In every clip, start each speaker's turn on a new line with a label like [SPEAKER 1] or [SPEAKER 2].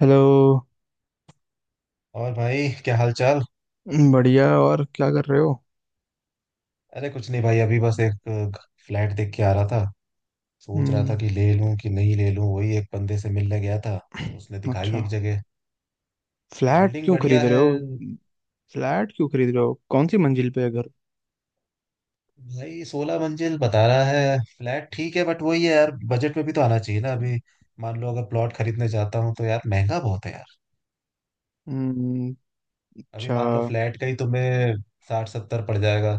[SPEAKER 1] Hello.
[SPEAKER 2] और भाई क्या हाल चाल।
[SPEAKER 1] बढ़िया। और क्या कर रहे हो?
[SPEAKER 2] अरे कुछ नहीं भाई अभी बस एक फ्लैट देख के आ रहा था। सोच रहा था
[SPEAKER 1] हम्म।
[SPEAKER 2] कि ले लूं कि नहीं ले लूं, वही एक बंदे से मिलने गया था। तो उसने दिखाई
[SPEAKER 1] अच्छा।
[SPEAKER 2] एक जगह। तो
[SPEAKER 1] फ्लैट
[SPEAKER 2] बिल्डिंग
[SPEAKER 1] क्यों खरीद
[SPEAKER 2] बढ़िया है।
[SPEAKER 1] रहे हो? फ्लैट क्यों खरीद रहे हो? कौन सी मंजिल पे है घर?
[SPEAKER 2] भाई 16 मंजिल बता रहा है, फ्लैट ठीक है बट वही है यार, बजट में भी तो आना चाहिए ना अभी। मान लो अगर प्लॉट खरीदने जाता हूँ तो यार महंगा बहुत है यार।
[SPEAKER 1] हम्म।
[SPEAKER 2] अभी
[SPEAKER 1] अच्छा।
[SPEAKER 2] मान लो फ्लैट का ही तुम्हें साठ सत्तर पड़ जाएगा।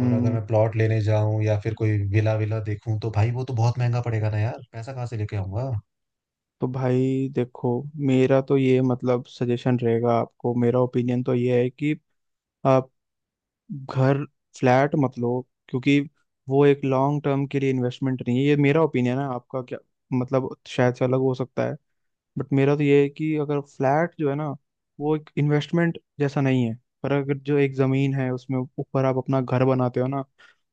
[SPEAKER 2] और अगर मैं प्लॉट लेने जाऊं या फिर कोई विला विला देखूं तो भाई वो तो बहुत महंगा पड़ेगा ना यार, पैसा कहाँ से लेके आऊंगा।
[SPEAKER 1] तो भाई देखो, मेरा तो ये मतलब सजेशन रहेगा आपको, मेरा ओपिनियन तो ये है कि आप घर फ्लैट मत लो, क्योंकि वो एक लॉन्ग टर्म के लिए इन्वेस्टमेंट नहीं है। ये मेरा ओपिनियन है, आपका क्या मतलब शायद से अलग हो सकता है। बट मेरा तो ये है कि अगर फ्लैट जो है ना, वो एक इन्वेस्टमेंट जैसा नहीं है। पर अगर जो एक जमीन है उसमें ऊपर आप अपना घर बनाते हो ना,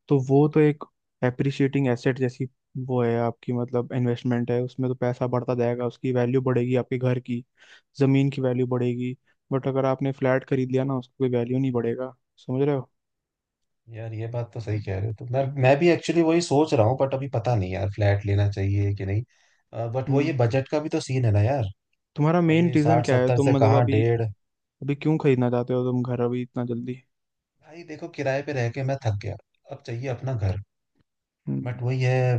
[SPEAKER 1] तो वो तो एक एप्रिशिएटिंग एसेट जैसी वो है आपकी, मतलब इन्वेस्टमेंट है। उसमें तो पैसा बढ़ता जाएगा, उसकी वैल्यू बढ़ेगी, आपके घर की जमीन की वैल्यू बढ़ेगी। बट अगर आपने फ्लैट खरीद लिया ना, उसकी कोई वैल्यू नहीं बढ़ेगा। समझ रहे हो?
[SPEAKER 2] यार ये बात तो सही कह रहे हो, तो मैं भी एक्चुअली वही सोच रहा हूँ, बट अभी पता नहीं यार फ्लैट लेना चाहिए कि नहीं। बट वो ये
[SPEAKER 1] हम्म।
[SPEAKER 2] बजट का भी तो सीन है ना यार।
[SPEAKER 1] तुम्हारा मेन
[SPEAKER 2] अभी
[SPEAKER 1] रीजन
[SPEAKER 2] साठ
[SPEAKER 1] क्या है?
[SPEAKER 2] सत्तर
[SPEAKER 1] तुम
[SPEAKER 2] से
[SPEAKER 1] मतलब
[SPEAKER 2] कहाँ
[SPEAKER 1] अभी,
[SPEAKER 2] डेढ़।
[SPEAKER 1] अभी क्यों खरीदना चाहते हो तुम घर अभी इतना जल्दी?
[SPEAKER 2] भाई देखो, किराए पे रह के मैं थक गया। अब चाहिए अपना घर। बट
[SPEAKER 1] हम्म।
[SPEAKER 2] वही है।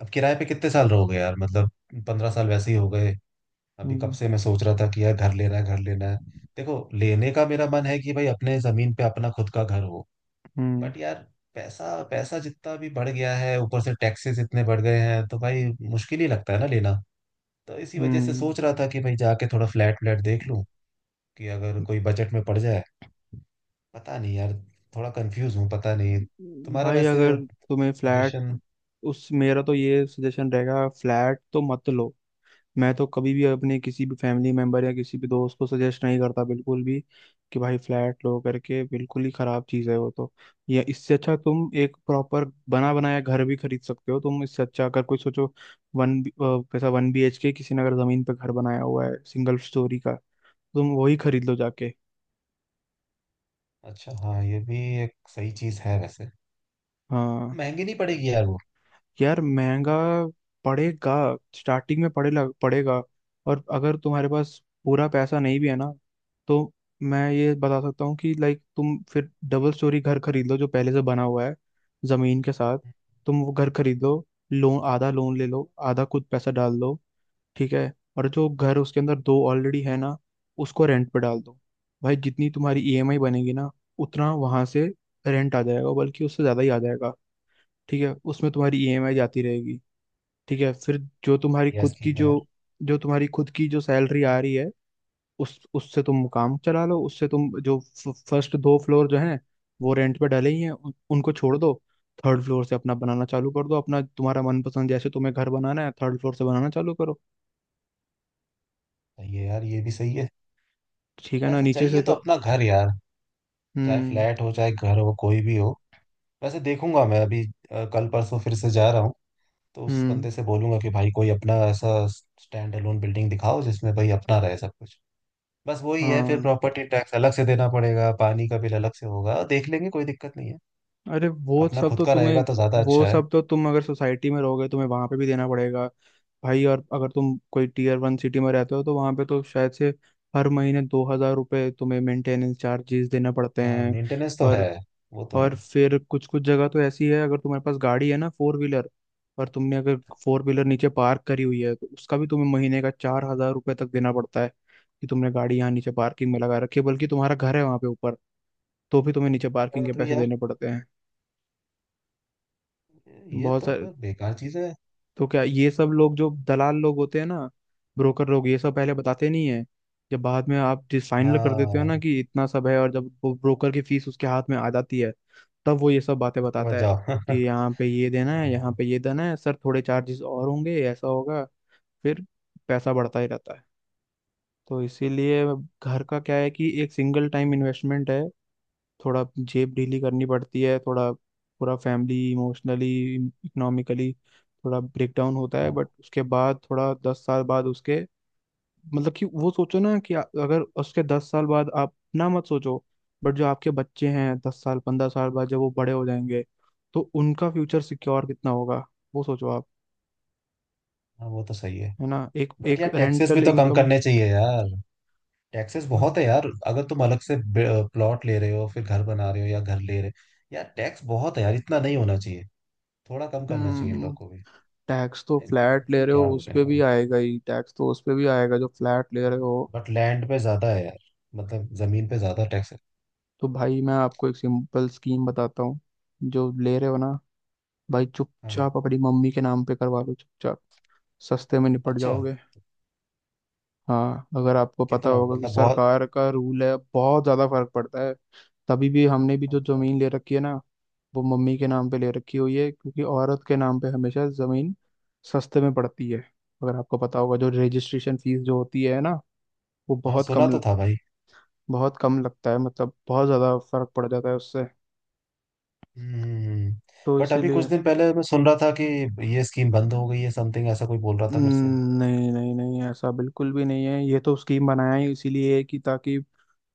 [SPEAKER 2] अब किराए पे कितने साल रहोगे यार, मतलब। 15 साल वैसे ही हो गए। अभी कब
[SPEAKER 1] हम्म।
[SPEAKER 2] से मैं सोच रहा था कि यार घर लेना है घर लेना है। देखो, लेने का मेरा मन है कि भाई अपने जमीन पे अपना खुद का घर हो।
[SPEAKER 1] हम्म।
[SPEAKER 2] बट यार, पैसा पैसा जितना भी बढ़ गया है, ऊपर से टैक्सेस इतने बढ़ गए हैं तो भाई मुश्किल ही लगता है ना लेना। तो इसी वजह से
[SPEAKER 1] हम्म।
[SPEAKER 2] सोच रहा था कि भाई जाके थोड़ा फ्लैट व्लैट देख लूं कि अगर कोई बजट में पड़ जाए। पता नहीं यार, थोड़ा कंफ्यूज हूँ, पता नहीं। तुम्हारा
[SPEAKER 1] भाई
[SPEAKER 2] वैसे
[SPEAKER 1] अगर तुम्हें फ्लैट,
[SPEAKER 2] सजेशन।
[SPEAKER 1] उस मेरा तो ये सजेशन रहेगा, फ्लैट तो मत लो। मैं तो कभी भी अपने किसी भी फैमिली मेंबर या किसी भी दोस्त को सजेस्ट नहीं करता, बिल्कुल भी, कि भाई फ्लैट लो करके। बिल्कुल ही खराब चीज़ है वो तो। या इससे अच्छा तुम एक प्रॉपर बना बनाया घर भी खरीद सकते हो। तुम इससे अच्छा अगर कोई सोचो, वन पैसा वन बी एच के, किसी ने अगर जमीन पे घर बनाया हुआ है सिंगल स्टोरी का, तुम वही खरीद लो जाके।
[SPEAKER 2] अच्छा। हाँ, ये भी एक सही चीज है वैसे।
[SPEAKER 1] हाँ।
[SPEAKER 2] महंगी नहीं पड़ेगी यार वो।
[SPEAKER 1] यार महंगा पड़ेगा स्टार्टिंग में पड़ेगा। और अगर तुम्हारे पास पूरा पैसा नहीं भी है ना, तो मैं ये बता सकता हूँ कि लाइक तुम फिर डबल स्टोरी घर खरीद लो जो पहले से बना हुआ है जमीन के साथ। तुम वो घर खरीद लो, लोन, आधा लोन ले लो, आधा खुद पैसा डाल दो। ठीक है। और जो घर उसके अंदर दो ऑलरेडी है ना, उसको रेंट पे डाल दो। भाई जितनी तुम्हारी ईएमआई बनेगी ना, उतना वहां से रेंट आ जाएगा, बल्कि उससे ज्यादा ही आ जाएगा। ठीक है, उसमें तुम्हारी ईएमआई जाती रहेगी। ठीक है। फिर जो तुम्हारी
[SPEAKER 2] बढ़िया
[SPEAKER 1] खुद की
[SPEAKER 2] स्कीम है
[SPEAKER 1] जो
[SPEAKER 2] यार।
[SPEAKER 1] जो तुम्हारी खुद की जो सैलरी आ रही है, उस उससे तुम काम चला लो, उससे तुम जो फर्स्ट दो फ्लोर जो हैं, वो रेंट पे डले ही हैं उनको छोड़ दो। थर्ड फ्लोर से अपना बनाना चालू कर दो, अपना तुम्हारा मनपसंद जैसे तुम्हें घर बनाना है, थर्ड फ्लोर से बनाना चालू करो।
[SPEAKER 2] सही है यार, ये भी सही है।
[SPEAKER 1] ठीक है ना,
[SPEAKER 2] वैसे
[SPEAKER 1] नीचे से
[SPEAKER 2] चाहिए तो
[SPEAKER 1] तो।
[SPEAKER 2] अपना घर यार। चाहे
[SPEAKER 1] हम्म।
[SPEAKER 2] फ्लैट हो चाहे घर हो कोई भी हो। वैसे देखूंगा मैं अभी। कल परसों फिर से जा रहा हूँ। तो उस
[SPEAKER 1] हम्म।
[SPEAKER 2] बंदे से बोलूंगा कि भाई कोई अपना ऐसा स्टैंड अलोन बिल्डिंग दिखाओ जिसमें भाई अपना रहे सब कुछ। बस वही है, फिर
[SPEAKER 1] हाँ।
[SPEAKER 2] प्रॉपर्टी टैक्स अलग से देना पड़ेगा, पानी का बिल अलग से होगा, देख लेंगे कोई दिक्कत नहीं है।
[SPEAKER 1] अरे वो
[SPEAKER 2] अपना
[SPEAKER 1] सब
[SPEAKER 2] खुद
[SPEAKER 1] तो
[SPEAKER 2] का
[SPEAKER 1] तुम्हें,
[SPEAKER 2] रहेगा तो ज्यादा
[SPEAKER 1] वो
[SPEAKER 2] अच्छा है।
[SPEAKER 1] सब तो तुम अगर सोसाइटी में रहोगे तुम्हें वहां पे भी देना पड़ेगा। भाई, और अगर तुम कोई टीयर वन सिटी में रहते हो तो वहां पे तो शायद से हर महीने 2,000 रुपये तुम्हें मेंटेनेंस चार्जेस देने पड़ते
[SPEAKER 2] हाँ,
[SPEAKER 1] हैं।
[SPEAKER 2] मेंटेनेंस तो है।
[SPEAKER 1] और
[SPEAKER 2] वो तो है।
[SPEAKER 1] और फिर कुछ कुछ जगह तो ऐसी है, अगर तुम्हारे पास गाड़ी है ना, फोर व्हीलर, और तुमने अगर फोर व्हीलर नीचे पार्क करी हुई है तो उसका भी तुम्हें महीने का 4,000 रुपये तक देना पड़ता है, कि तुमने गाड़ी यहाँ नीचे पार्किंग में लगा रखी है, बल्कि तुम्हारा घर है वहां पे ऊपर, तो भी तुम्हें नीचे
[SPEAKER 2] ये
[SPEAKER 1] पार्किंग के
[SPEAKER 2] बात हुई
[SPEAKER 1] पैसे
[SPEAKER 2] यार।
[SPEAKER 1] देने पड़ते हैं।
[SPEAKER 2] ये
[SPEAKER 1] बहुत
[SPEAKER 2] तो
[SPEAKER 1] सारे।
[SPEAKER 2] फिर बेकार चीज है।
[SPEAKER 1] तो क्या ये सब लोग जो दलाल लोग होते हैं ना, ब्रोकर लोग, ये सब पहले बताते नहीं है। जब बाद में आप जिस फाइनल कर देते हो ना
[SPEAKER 2] हाँ,
[SPEAKER 1] कि इतना सब है, और जब वो ब्रोकर की फीस उसके हाथ में आ जाती है, तब वो ये सब बातें
[SPEAKER 2] उसके बाद
[SPEAKER 1] बताता है
[SPEAKER 2] जाओ।
[SPEAKER 1] कि
[SPEAKER 2] हाँ।
[SPEAKER 1] यहाँ पे ये देना है, यहाँ पे ये देना है, सर थोड़े चार्जेस और होंगे, ऐसा होगा। फिर पैसा बढ़ता ही रहता है। तो इसीलिए घर का क्या है, कि एक सिंगल टाइम इन्वेस्टमेंट है, थोड़ा जेब ढीली करनी पड़ती है, थोड़ा पूरा फैमिली इमोशनली इकोनॉमिकली थोड़ा ब्रेकडाउन होता है,
[SPEAKER 2] हाँ
[SPEAKER 1] बट उसके बाद थोड़ा 10 साल बाद उसके मतलब कि वो सोचो ना कि अगर उसके 10 साल बाद आप ना, मत सोचो, बट जो आपके बच्चे हैं, 10 साल 15 साल बाद जब वो बड़े हो जाएंगे, तो उनका फ्यूचर सिक्योर कितना होगा, वो सोचो आप।
[SPEAKER 2] हाँ, वो तो सही है।
[SPEAKER 1] है ना? एक
[SPEAKER 2] बट
[SPEAKER 1] एक
[SPEAKER 2] यार, टैक्सेस भी
[SPEAKER 1] रेंटल
[SPEAKER 2] तो कम
[SPEAKER 1] इनकम।
[SPEAKER 2] करने चाहिए यार। टैक्सेस बहुत है यार, अगर तुम अलग से प्लॉट ले रहे हो फिर घर बना रहे हो या घर ले रहे हो, यार टैक्स बहुत है यार, इतना नहीं होना चाहिए। थोड़ा कम करना चाहिए इन लोग को भी।
[SPEAKER 1] टैक्स तो
[SPEAKER 2] नहीं,
[SPEAKER 1] फ्लैट
[SPEAKER 2] government को
[SPEAKER 1] ले
[SPEAKER 2] भी
[SPEAKER 1] रहे हो
[SPEAKER 2] क्या
[SPEAKER 1] उस
[SPEAKER 2] बोले
[SPEAKER 1] पे भी
[SPEAKER 2] यार।
[SPEAKER 1] आएगा ही, टैक्स तो उस पे भी आएगा जो फ्लैट ले रहे हो।
[SPEAKER 2] बट लैंड पे ज्यादा है यार। मतलब जमीन पे ज्यादा टैक्स है।
[SPEAKER 1] तो भाई मैं आपको एक सिंपल स्कीम बताता हूँ। जो ले रहे हो ना भाई,
[SPEAKER 2] हाँ।
[SPEAKER 1] चुपचाप अपनी मम्मी के नाम पे करवा लो, चुपचाप। सस्ते में निपट
[SPEAKER 2] अच्छा।
[SPEAKER 1] जाओगे। हाँ, अगर आपको पता
[SPEAKER 2] कितना
[SPEAKER 1] होगा कि
[SPEAKER 2] मतलब, बहुत।
[SPEAKER 1] सरकार का रूल है, बहुत ज़्यादा फर्क पड़ता है। तभी भी हमने भी जो
[SPEAKER 2] अच्छा।
[SPEAKER 1] ज़मीन ले रखी है ना, वो मम्मी के नाम पे ले रखी हुई है, क्योंकि औरत के नाम पे हमेशा ज़मीन सस्ते में पड़ती है। अगर आपको पता होगा जो रजिस्ट्रेशन फीस जो होती है ना, वो
[SPEAKER 2] हाँ,
[SPEAKER 1] बहुत
[SPEAKER 2] सुना
[SPEAKER 1] कम,
[SPEAKER 2] तो था भाई।
[SPEAKER 1] बहुत कम लगता है, मतलब बहुत ज़्यादा फर्क पड़ जाता है उससे।
[SPEAKER 2] हम्म।
[SPEAKER 1] तो
[SPEAKER 2] बट अभी कुछ
[SPEAKER 1] इसीलिए
[SPEAKER 2] दिन पहले मैं सुन रहा था कि ये स्कीम बंद हो गई है, समथिंग ऐसा कोई बोल रहा था मेरे से।
[SPEAKER 1] नहीं नहीं नहीं, ऐसा बिल्कुल भी नहीं है। ये तो स्कीम बनाया ही इसीलिए है कि, ताकि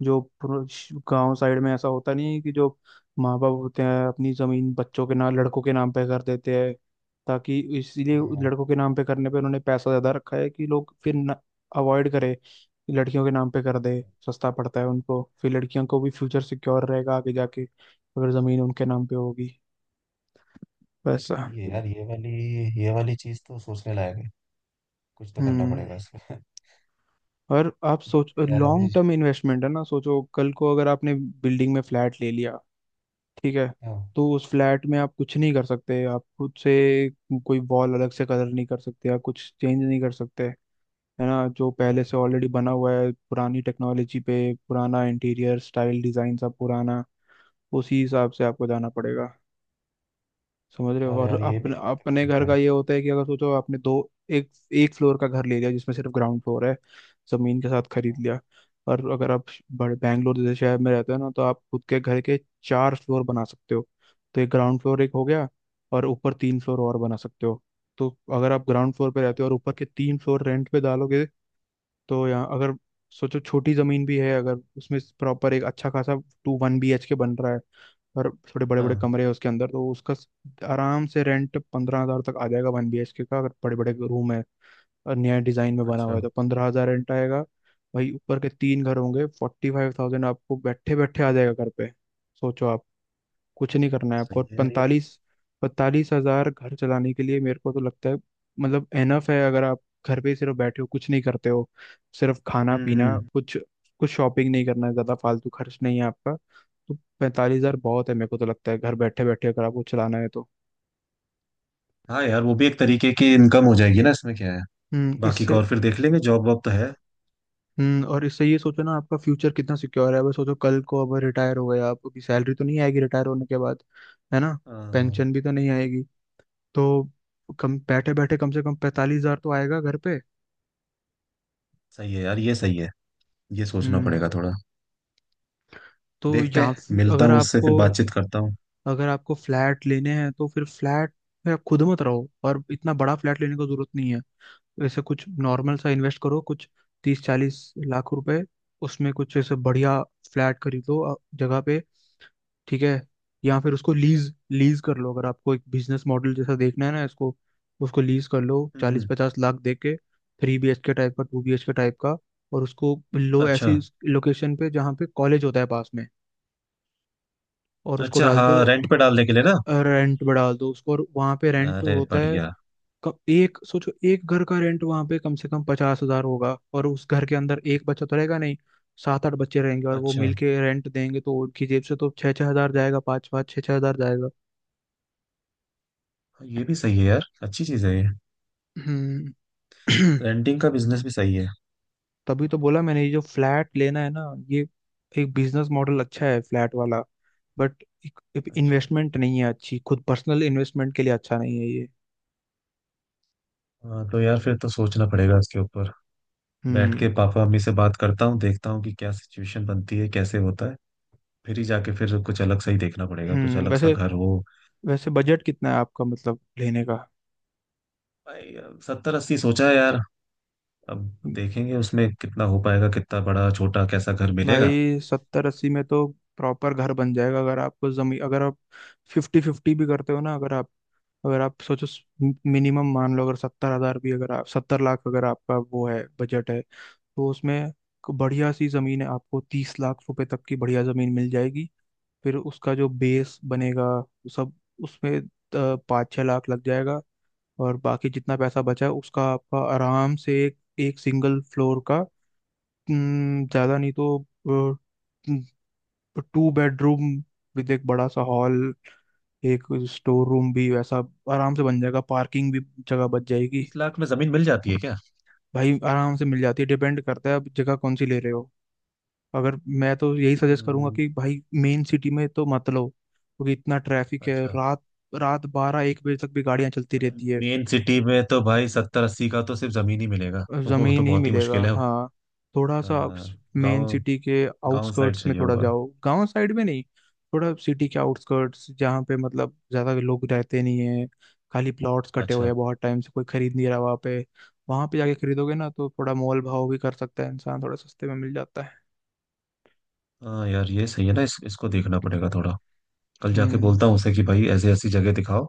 [SPEAKER 1] जो गांव साइड में ऐसा होता नहीं है कि जो माँ बाप होते हैं अपनी जमीन बच्चों के नाम, लड़कों के नाम पे कर देते हैं, ताकि इसीलिए
[SPEAKER 2] हाँ,
[SPEAKER 1] लड़कों के नाम पे करने पे उन्होंने पैसा ज्यादा रखा है, कि लोग फिर अवॉइड करें कि लड़कियों के नाम पे कर दे, सस्ता पड़ता है उनको, फिर लड़कियों को भी फ्यूचर सिक्योर रहेगा आगे जाके अगर जमीन उनके नाम पे होगी वैसा।
[SPEAKER 2] ये यार, ये वाली चीज तो सोचने लायक है। कुछ तो करना
[SPEAKER 1] हम्म।
[SPEAKER 2] पड़ेगा इसमें।
[SPEAKER 1] और आप सोच,
[SPEAKER 2] देखते हैं यार अभी।
[SPEAKER 1] लॉन्ग टर्म इन्वेस्टमेंट है ना, सोचो कल को अगर आपने बिल्डिंग में फ्लैट ले लिया, ठीक है,
[SPEAKER 2] हाँ।
[SPEAKER 1] तो उस फ्लैट में आप कुछ नहीं कर सकते आप खुद से। कोई वॉल अलग से कलर नहीं कर सकते, आप कुछ चेंज नहीं कर सकते। है ना? जो पहले से ऑलरेडी बना हुआ है पुरानी टेक्नोलॉजी पे, पुराना इंटीरियर स्टाइल डिजाइन सब पुराना, उसी हिसाब से आपको जाना पड़ेगा। समझ रहे
[SPEAKER 2] अच्छा
[SPEAKER 1] हो? और
[SPEAKER 2] यार, ये भी
[SPEAKER 1] अपने
[SPEAKER 2] एक
[SPEAKER 1] अपने
[SPEAKER 2] तकलीफ
[SPEAKER 1] घर का
[SPEAKER 2] है।
[SPEAKER 1] ये होता है कि अगर सोचो आपने दो, एक एक फ्लोर का घर ले लिया जिसमें सिर्फ ग्राउंड फ्लोर है, जमीन के साथ खरीद लिया, और अगर आप बड़े बैंगलोर जैसे शहर में रहते हो ना, तो आप खुद के घर के चार फ्लोर बना सकते हो। तो एक ग्राउंड फ्लोर एक हो गया, और ऊपर तीन फ्लोर और बना सकते हो। तो अगर आप ग्राउंड फ्लोर पे रहते हो और ऊपर के तीन फ्लोर रेंट पे डालोगे, तो यहाँ अगर सोचो छोटी जमीन भी है, अगर उसमें प्रॉपर एक अच्छा खासा two one B H K बन रहा है, और थोड़े बड़े बड़े
[SPEAKER 2] हाँ।
[SPEAKER 1] कमरे हैं उसके अंदर तो उसका आराम से रेंट 15,000 तक आ जाएगा वन बी एच के का, अगर बड़े बड़े रूम है और नया डिजाइन में बना हुआ
[SPEAKER 2] अच्छा।
[SPEAKER 1] है तो 15,000 रेंट आएगा। भाई ऊपर के तीन घर होंगे, 45,000 आपको बैठे बैठे आ जाएगा घर पे, सोचो आप। कुछ नहीं करना है आपको।
[SPEAKER 2] सही
[SPEAKER 1] और
[SPEAKER 2] है यार ये तो।
[SPEAKER 1] 45, 45,000 घर चलाने के लिए मेरे को तो लगता है, मतलब एनफ है, अगर आप घर पे सिर्फ बैठे हो, कुछ नहीं करते हो, सिर्फ खाना
[SPEAKER 2] हम्म
[SPEAKER 1] पीना,
[SPEAKER 2] हम्म।
[SPEAKER 1] कुछ कुछ शॉपिंग नहीं करना है, ज्यादा फालतू खर्च नहीं है आपका, तो 45,000 बहुत है मेरे को तो लगता है, घर बैठे बैठे अगर आपको चलाना है तो।
[SPEAKER 2] हाँ यार, वो भी एक तरीके की इनकम हो जाएगी ना, इसमें क्या है। बाकी का
[SPEAKER 1] इससे।
[SPEAKER 2] और फिर देख लेंगे, जॉब वॉब तो है।
[SPEAKER 1] हम्म। और इससे ये सोचो ना आपका फ्यूचर कितना सिक्योर है। अब सोचो कल को अब रिटायर हो गए आप, आपकी सैलरी तो नहीं आएगी रिटायर होने के बाद। है ना?
[SPEAKER 2] हाँ हाँ,
[SPEAKER 1] पेंशन भी तो नहीं आएगी। तो कम बैठे बैठे कम से कम 45,000 तो आएगा घर पे।
[SPEAKER 2] सही है यार, ये सही है। ये सोचना
[SPEAKER 1] हम्म।
[SPEAKER 2] पड़ेगा थोड़ा।
[SPEAKER 1] तो
[SPEAKER 2] देखते
[SPEAKER 1] यहाँ
[SPEAKER 2] हैं,
[SPEAKER 1] फिर
[SPEAKER 2] मिलता
[SPEAKER 1] अगर
[SPEAKER 2] हूँ उससे
[SPEAKER 1] आपको,
[SPEAKER 2] फिर बातचीत करता हूँ।
[SPEAKER 1] अगर आपको फ्लैट लेने हैं तो फिर फ्लैट में आप खुद मत रहो, और इतना बड़ा फ्लैट लेने की जरूरत नहीं है। ऐसे कुछ नॉर्मल सा इन्वेस्ट करो कुछ 30-40 लाख रुपए, उसमें कुछ ऐसे बढ़िया फ्लैट खरीदो जगह पे। ठीक है। या फिर उसको लीज लीज कर लो, अगर आपको एक बिजनेस मॉडल जैसा देखना है ना इसको, उसको लीज कर लो
[SPEAKER 2] हम्म
[SPEAKER 1] चालीस
[SPEAKER 2] हम्म।
[SPEAKER 1] पचास लाख दे के, three B H K type का, two B H K type का, और उसको लो
[SPEAKER 2] अच्छा।
[SPEAKER 1] ऐसी लोकेशन पे जहाँ पे कॉलेज होता है पास में, और उसको
[SPEAKER 2] अच्छा,
[SPEAKER 1] डाल दो,
[SPEAKER 2] हाँ रेंट पे डालने के लिए ना।
[SPEAKER 1] रेंट पे डाल दो उसको। और वहाँ पे रेंट
[SPEAKER 2] अरे
[SPEAKER 1] होता है,
[SPEAKER 2] बढ़िया।
[SPEAKER 1] एक सोचो एक घर का रेंट वहाँ पे कम से कम 50,000 होगा, और उस घर के अंदर एक बच्चा तो रहेगा नहीं, 7-8 बच्चे रहेंगे और वो
[SPEAKER 2] अच्छा,
[SPEAKER 1] मिलके रेंट देंगे, तो उनकी जेब से तो 6,000 जाएगा, 5,000 6,000 जाएगा।
[SPEAKER 2] ये भी सही है यार, अच्छी चीज़ है ये।
[SPEAKER 1] हम्म।
[SPEAKER 2] रेंटिंग का बिजनेस भी सही है।
[SPEAKER 1] तभी तो बोला मैंने, ये जो फ्लैट लेना है ना, ये एक बिजनेस मॉडल अच्छा है फ्लैट वाला, बट एक
[SPEAKER 2] अच्छा।
[SPEAKER 1] इन्वेस्टमेंट नहीं है अच्छी, खुद पर्सनल इन्वेस्टमेंट के लिए अच्छा नहीं है ये।
[SPEAKER 2] हाँ तो यार, फिर तो सोचना पड़ेगा इसके ऊपर। बैठ
[SPEAKER 1] हम्म
[SPEAKER 2] के
[SPEAKER 1] क-
[SPEAKER 2] पापा मम्मी से बात करता हूँ, देखता हूँ कि क्या सिचुएशन बनती है, कैसे होता है। फिर ही जाके फिर कुछ अलग सा ही देखना पड़ेगा, कुछ
[SPEAKER 1] हम्म।
[SPEAKER 2] अलग सा
[SPEAKER 1] वैसे,
[SPEAKER 2] घर हो।
[SPEAKER 1] वैसे बजट कितना है आपका मतलब लेने का?
[SPEAKER 2] भाई सत्तर अस्सी सोचा है यार। अब देखेंगे उसमें कितना हो पाएगा, कितना बड़ा छोटा कैसा घर मिलेगा।
[SPEAKER 1] भाई 70-80 में तो प्रॉपर घर बन जाएगा, अगर आपको जमीन अगर आप फिफ्टी फिफ्टी भी करते हो ना, अगर अगर आप सोचो, मिनिमम मान लो अगर 70,000 भी, अगर आप 70 लाख अगर आपका वो है बजट है, तो उसमें एक बढ़िया सी जमीन है, आपको 30 लाख रुपए तक की बढ़िया जमीन मिल जाएगी। फिर उसका जो बेस बनेगा वो सब, उसमें 5-6 लाख लग जाएगा। और बाकी जितना पैसा बचा है उसका आपका आराम से एक एक सिंगल फ्लोर का, ज़्यादा नहीं तो टू बेडरूम विद एक बड़ा सा हॉल, एक स्टोर रूम भी वैसा, आराम से बन जाएगा, पार्किंग भी जगह बच जाएगी।
[SPEAKER 2] 30 लाख में जमीन मिल जाती है क्या।
[SPEAKER 1] भाई आराम से मिल जाती है, डिपेंड करता है आप जगह कौन सी ले रहे हो। अगर मैं तो यही सजेस्ट करूंगा
[SPEAKER 2] हम्म,
[SPEAKER 1] कि भाई मेन सिटी में तो मत लो, क्योंकि इतना ट्रैफिक है,
[SPEAKER 2] अच्छा।
[SPEAKER 1] रात, रात 12-1 बजे तक भी गाड़ियां चलती रहती है।
[SPEAKER 2] मेन सिटी में तो भाई सत्तर अस्सी का तो सिर्फ जमीन ही मिलेगा, वो तो
[SPEAKER 1] जमीन ही
[SPEAKER 2] बहुत ही
[SPEAKER 1] मिलेगा,
[SPEAKER 2] मुश्किल है।
[SPEAKER 1] हाँ, थोड़ा सा मेन
[SPEAKER 2] गांव
[SPEAKER 1] सिटी के
[SPEAKER 2] गांव साइड
[SPEAKER 1] आउटस्कर्ट्स में
[SPEAKER 2] चाहिए
[SPEAKER 1] थोड़ा
[SPEAKER 2] होगा।
[SPEAKER 1] जाओ, गांव साइड में नहीं। थोड़ा सिटी के आउटस्कर्ट्स, जहाँ पे मतलब ज्यादा लोग रहते नहीं है, खाली प्लॉट्स कटे हुए
[SPEAKER 2] अच्छा।
[SPEAKER 1] हैं बहुत टाइम से कोई खरीद नहीं रहा वहाँ पे, वहाँ पे जाके खरीदोगे ना तो थोड़ा मोल भाव भी कर सकता है इंसान, थोड़ा सस्ते में मिल जाता है।
[SPEAKER 2] हाँ यार, ये सही है ना, इसको देखना पड़ेगा थोड़ा। कल जाके
[SPEAKER 1] हम्म।
[SPEAKER 2] बोलता हूँ उसे कि भाई ऐसी ऐसी जगह दिखाओ।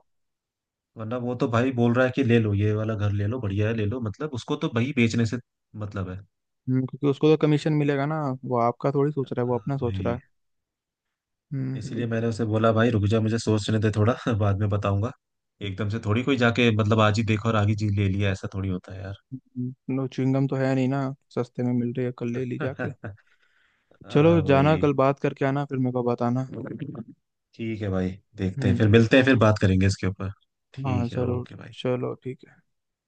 [SPEAKER 2] वरना वो तो भाई बोल रहा है कि ले लो ये वाला घर, ले लो बढ़िया है, ले लो, मतलब उसको तो भाई बेचने से मतलब है।
[SPEAKER 1] क्योंकि उसको तो कमीशन मिलेगा ना, वो आपका थोड़ी सोच रहा है, वो
[SPEAKER 2] हाँ,
[SPEAKER 1] अपना सोच रहा
[SPEAKER 2] वही।
[SPEAKER 1] है।
[SPEAKER 2] इसीलिए
[SPEAKER 1] हम्म।
[SPEAKER 2] मैंने उसे बोला भाई रुक जा, मुझे सोचने दे थोड़ा। बाद में बताऊंगा। एकदम से थोड़ी कोई जाके, मतलब आज ही देखा और आगे जी ले लिया, ऐसा थोड़ी होता है यार।
[SPEAKER 1] नो, च्युइंगम तो है नहीं ना, सस्ते में मिल रही है कल ले ली जाके। चलो
[SPEAKER 2] हाँ,
[SPEAKER 1] जाना
[SPEAKER 2] वही।
[SPEAKER 1] कल, बात करके आना, फिर मेरे को बताना।
[SPEAKER 2] ठीक है भाई। देखते हैं, फिर
[SPEAKER 1] हम्म।
[SPEAKER 2] मिलते हैं फिर बात करेंगे इसके ऊपर।
[SPEAKER 1] हाँ
[SPEAKER 2] ठीक है,
[SPEAKER 1] जरूर।
[SPEAKER 2] ओके भाई।
[SPEAKER 1] चलो ठीक है।